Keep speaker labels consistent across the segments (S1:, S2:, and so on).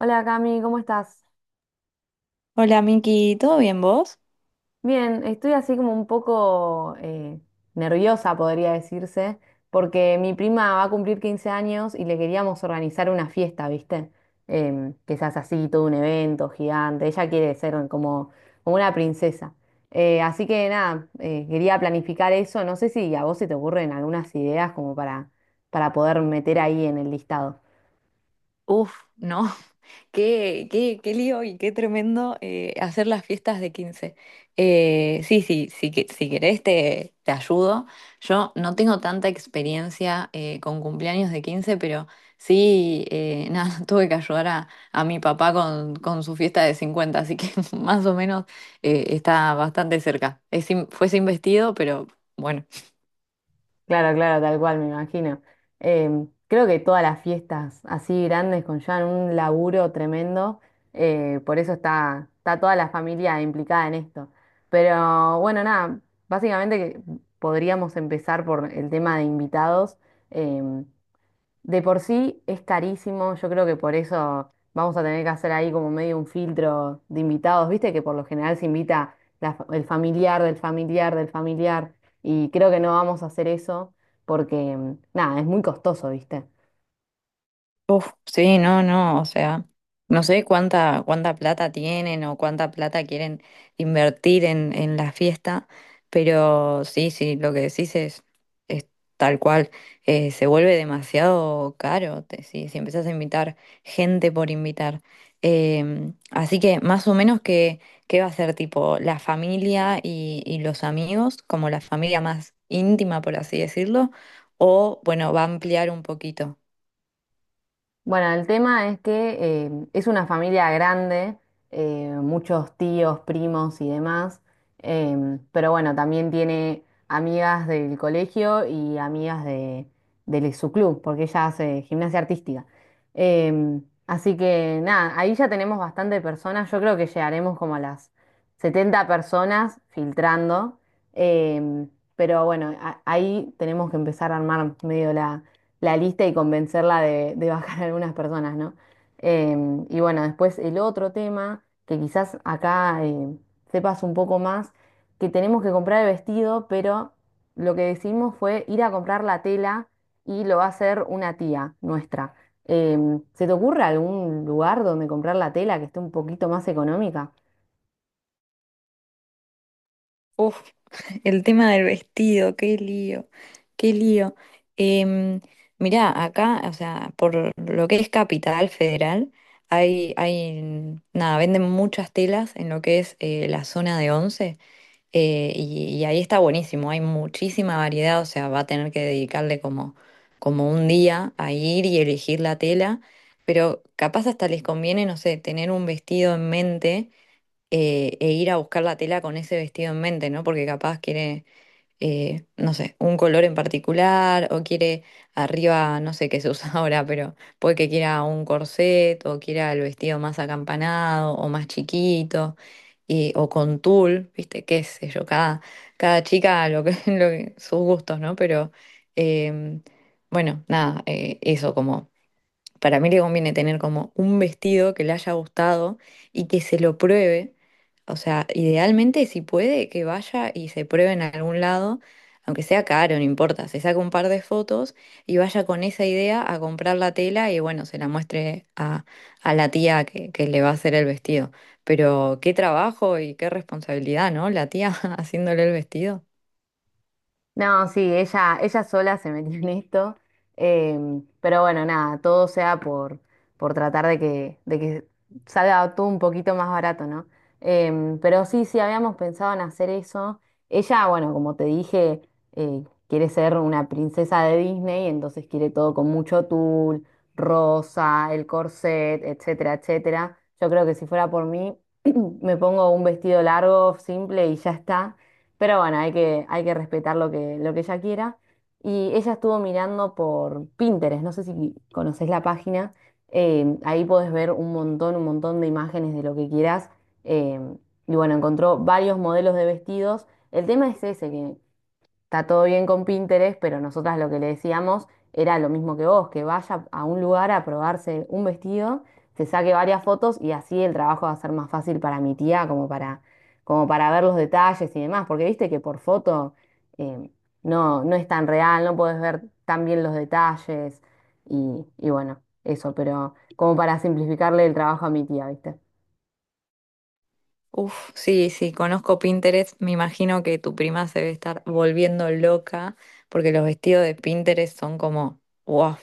S1: Hola Cami, ¿cómo estás?
S2: Hola Miki, ¿todo bien vos?
S1: Bien, estoy así como un poco nerviosa, podría decirse, porque mi prima va a cumplir 15 años y le queríamos organizar una fiesta, ¿viste? Que se hace así, todo un evento gigante. Ella quiere ser como, como una princesa. Así que nada, quería planificar eso. No sé si a vos se te ocurren algunas ideas como para poder meter ahí en el listado.
S2: Uf, no, qué lío y qué tremendo hacer las fiestas de 15. Sí, sí, sí, si querés te ayudo. Yo no tengo tanta experiencia con cumpleaños de 15, pero sí, nada, tuve que ayudar a mi papá con su fiesta de 50, así que más o menos está bastante cerca. Fue sin vestido, pero bueno.
S1: Claro, claro, tal cual, me imagino. Creo que todas las fiestas así grandes conllevan un laburo tremendo, por eso está, está toda la familia implicada en esto. Pero bueno, nada, básicamente que podríamos empezar por el tema de invitados. em, de por sí es carísimo, yo creo que por eso vamos a tener que hacer ahí como medio un filtro de invitados, viste que por lo general se invita la el familiar del familiar del familiar y creo que no vamos a hacer eso porque nada, es muy costoso, viste.
S2: Uf, sí, no, no, o sea, no sé cuánta plata tienen o cuánta plata quieren invertir en la fiesta, pero sí, sí, lo que decís es tal cual, se vuelve demasiado caro si, si empezás a invitar gente por invitar. Así que más o menos que, ¿qué va a ser tipo la familia y los amigos, como la familia más íntima, por así decirlo, o bueno, va a ampliar un poquito.
S1: Bueno, el tema es que es una familia grande, muchos tíos, primos y demás, pero bueno, también tiene amigas del colegio y amigas de su club, porque ella hace gimnasia artística. Así que nada, ahí ya tenemos bastante personas, yo creo que llegaremos como a las 70 personas filtrando, em, pero bueno, ahí tenemos que empezar a armar medio la lista y convencerla de bajar a algunas personas, ¿no? Y bueno, después el otro tema, que quizás acá sepas un poco más, que tenemos que comprar el vestido, pero lo que decidimos fue ir a comprar la tela y lo va a hacer una tía nuestra. ¿Se te ocurre algún lugar donde comprar la tela que esté un poquito más económica?
S2: Uf, el tema del vestido, qué lío, qué lío. Em, Mirá, acá, o sea, por lo que es Capital Federal, hay, nada, venden muchas telas en lo que es la zona de Once, y ahí está buenísimo, hay muchísima variedad, o sea, va a tener que dedicarle como, como un día a ir y elegir la tela, pero capaz hasta les conviene, no sé, tener un vestido en mente e ir a buscar la tela con ese vestido en mente, ¿no? Porque capaz quiere, no sé, un color en particular o quiere arriba, no sé qué se usa ahora, pero puede que quiera un corset o quiera el vestido más acampanado o más chiquito o con tul, ¿viste? Qué sé yo, cada, cada chica sus gustos, ¿no? Pero em, bueno, nada, eso como... Para mí le conviene tener como un vestido que le haya gustado y que se lo pruebe. O sea, idealmente si puede que vaya y se pruebe en algún lado, aunque sea caro, no importa, se saca un par de fotos y vaya con esa idea a comprar la tela y bueno, se la muestre a la tía que le va a hacer el vestido. Pero qué trabajo y qué responsabilidad, ¿no? La tía haciéndole el vestido.
S1: No, sí, ella sola se metió en esto, pero bueno, nada, todo sea por tratar de que salga todo un poquito más barato, ¿no? Pero sí, sí, habíamos pensado en hacer eso. Ella, bueno, como te dije, quiere ser una princesa de Disney, entonces quiere todo con mucho tul, rosa, el corset, etcétera, etcétera. Yo creo que si fuera por mí, me pongo un vestido largo, simple y ya está. Pero bueno, hay que respetar lo que ella quiera. Y ella estuvo mirando por Pinterest, no sé si conoces la página, ahí podés ver un montón de imágenes de lo que quieras. eh, y bueno, encontró varios modelos de vestidos. El tema es ese, que está todo bien con Pinterest, pero nosotras lo que le decíamos era lo mismo que vos, que vaya a un lugar a probarse un vestido, se saque varias fotos y así el trabajo va a ser más fácil para mi tía, como para, como para ver los detalles y demás, porque viste que por foto eh, no, no es tan real, no podés ver tan bien los detalles y bueno, eso, pero como para simplificarle el trabajo a mi tía, ¿viste?
S2: Uf, sí, sí, conozco Pinterest. Me imagino que tu prima se debe estar volviendo loca porque los vestidos de Pinterest son como, wow,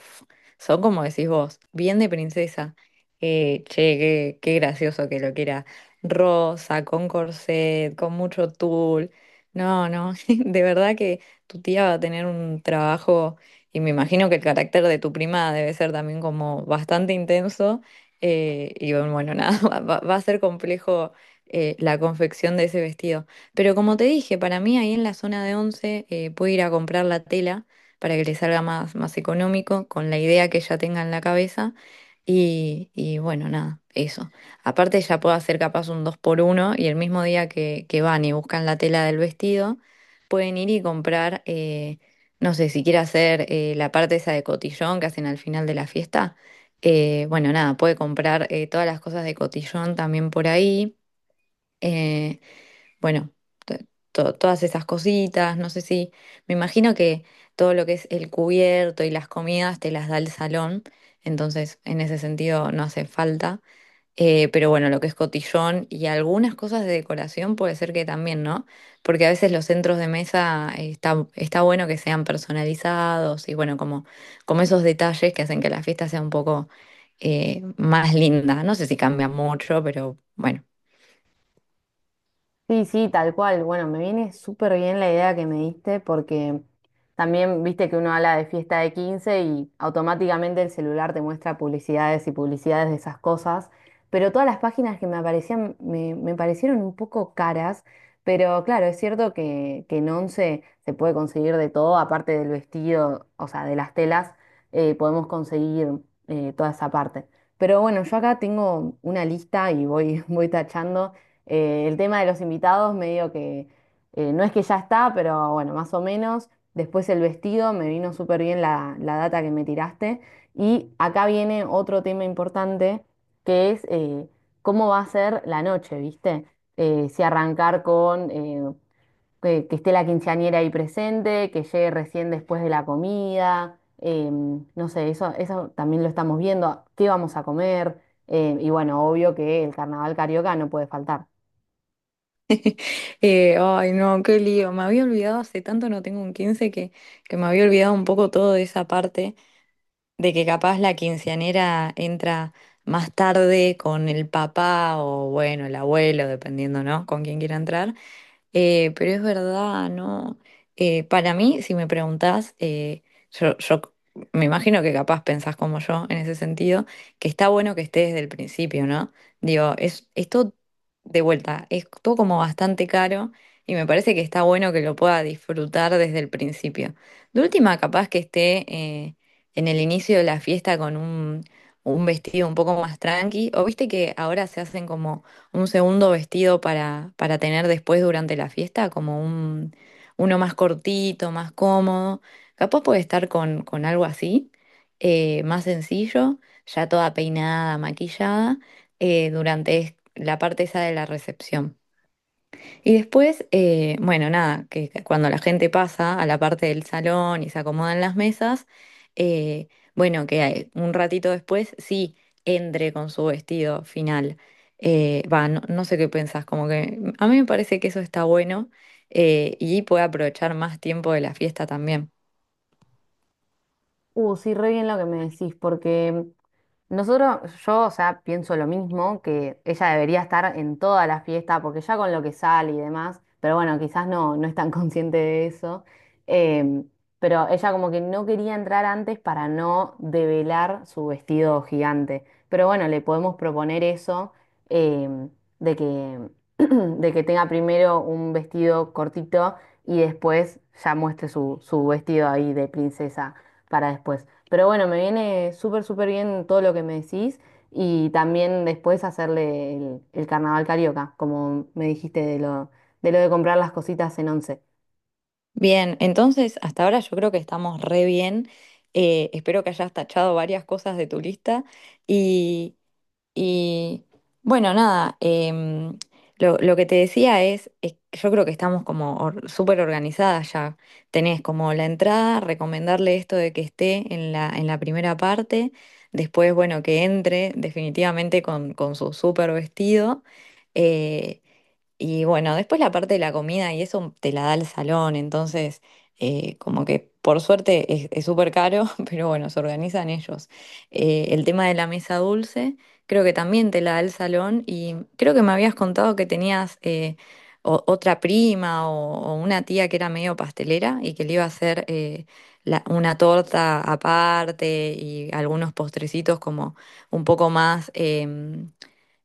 S2: son como decís vos, bien de princesa. Che, qué gracioso que lo quiera. Rosa, con corset, con mucho tul. No, no, de verdad que tu tía va a tener un trabajo y me imagino que el carácter de tu prima debe ser también como bastante intenso. Bueno, nada, va a ser complejo la confección de ese vestido. Pero como te dije, para mí ahí en la zona de Once puedo ir a comprar la tela para que le salga más, más económico, con la idea que ella tenga en la cabeza. Y bueno, nada, eso. Aparte ya puedo hacer capaz un dos por uno y el mismo día que van y buscan la tela del vestido, pueden ir y comprar, no sé, si quiere hacer la parte esa de cotillón que hacen al final de la fiesta. Bueno, nada, puede comprar todas las cosas de cotillón también por ahí. Eh, bueno, to- todas esas cositas, no sé si, me imagino que todo lo que es el cubierto y las comidas te las da el salón, entonces en ese sentido no hace falta. Pero bueno, lo que es cotillón y algunas cosas de decoración puede ser que también, ¿no? Porque a veces los centros de mesa está bueno que sean personalizados y bueno, como, como esos detalles que hacen que la fiesta sea un poco más linda. No sé si cambia mucho, pero bueno.
S1: Sí, sí, tal cual. Bueno, me viene súper bien la idea que me diste porque también viste que uno habla de fiesta de 15 y automáticamente el celular te muestra publicidades y publicidades de esas cosas, pero todas las páginas que me aparecían me, me parecieron un poco caras, pero claro, es cierto que en Once se puede conseguir de todo, aparte del vestido, o sea, de las telas, podemos conseguir toda esa parte. Pero bueno, yo acá tengo una lista y voy, voy tachando. El tema de los invitados, medio que no es que ya está, pero bueno, más o menos. Después el vestido, me vino súper bien la, la data que me tiraste. Y acá viene otro tema importante, que es cómo va a ser la noche, ¿viste? Si arrancar con que esté la quinceañera ahí presente, que llegue recién después de la comida. No sé, eso también lo estamos viendo. ¿Qué vamos a comer? Y bueno, obvio que el carnaval carioca no puede faltar.
S2: Ay, no, qué lío. Me había olvidado, hace tanto no tengo un 15 que me había olvidado un poco todo de esa parte, de que capaz la quinceañera entra más tarde con el papá o bueno, el abuelo, dependiendo, ¿no? Con quién quiera entrar. Pero es verdad, ¿no? Para mí, si me preguntás, yo me imagino que capaz pensás como yo en ese sentido, que está bueno que esté desde el principio, ¿no? Digo, es todo de vuelta, es todo como bastante caro y me parece que está bueno que lo pueda disfrutar desde el principio. De última, capaz que esté en el inicio de la fiesta con un vestido un poco más tranqui, o viste que ahora se hacen como un segundo vestido para tener después durante la fiesta, como uno más cortito, más cómodo. Capaz puede estar con algo así, más sencillo, ya toda peinada, maquillada, durante la parte esa de la recepción. Y después, bueno, nada, que cuando la gente pasa a la parte del salón y se acomodan las mesas, eh, bueno, un ratito después sí entre con su vestido final. No, no sé qué pensás, como que a mí me parece que eso está bueno y puede aprovechar más tiempo de la fiesta también.
S1: Sí, re bien lo que me decís, porque nosotros, yo, o sea, pienso lo mismo, que ella debería estar en toda la fiesta, porque ya con lo que sale y demás, pero bueno, quizás no, no es tan consciente de eso, em, pero ella como que no quería entrar antes para no develar su vestido gigante. Pero bueno, le podemos proponer eso, em, de que, de que tenga primero un vestido cortito y después ya muestre su, su vestido ahí de princesa para después. Pero bueno, me viene súper, súper bien todo lo que me decís y también después hacerle el carnaval carioca, como me dijiste de lo de comprar las cositas en Once.
S2: Bien, entonces hasta ahora yo creo que estamos re bien. Espero que hayas tachado varias cosas de tu lista. Y bueno, nada, lo que te decía es que yo creo que estamos como súper organizadas ya. Tenés como la entrada, recomendarle esto de que esté en en la primera parte, después, bueno, que entre definitivamente con su súper vestido. Eh, bueno, después la parte de la comida y eso te la da el salón, entonces como que por suerte es súper caro, pero bueno, se organizan ellos. El tema de la mesa dulce, creo que también te la da el salón y creo que me habías contado que tenías otra prima o una tía que era medio pastelera y que le iba a hacer una torta aparte y algunos postrecitos como un poco más,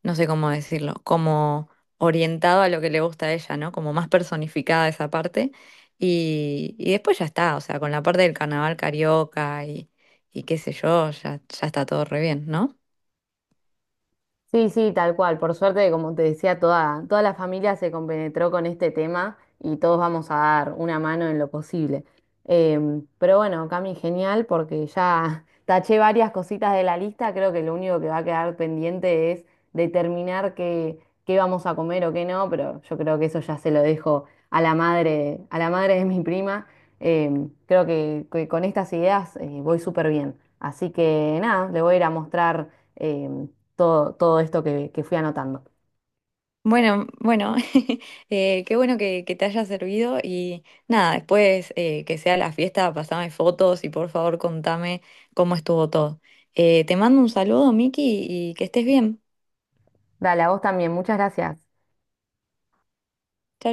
S2: no sé cómo decirlo, como orientado a lo que le gusta a ella, ¿no? Como más personificada esa parte. Y después ya está, o sea, con la parte del carnaval carioca y qué sé yo, ya, ya está todo re bien, ¿no?
S1: Sí, sí, tal cual. Por suerte, como te decía, toda, toda la familia se compenetró con este tema y todos vamos a dar una mano en lo posible. Pero bueno, Cami, genial porque ya taché varias cositas de la lista. Creo que lo único que va a quedar pendiente es determinar qué, qué vamos a comer o qué no, pero yo creo que eso ya se lo dejo a la madre de mi prima. Creo que con estas ideas voy súper bien. Así que nada, le voy a ir a mostrar. em, Todo, todo esto que fui anotando.
S2: Bueno, bueno, qué bueno que te haya servido y nada, después que sea la fiesta, pasame fotos y por favor contame cómo estuvo todo. Te mando un saludo, Miki, y que estés bien.
S1: Dale, a vos también, muchas gracias.
S2: Chao,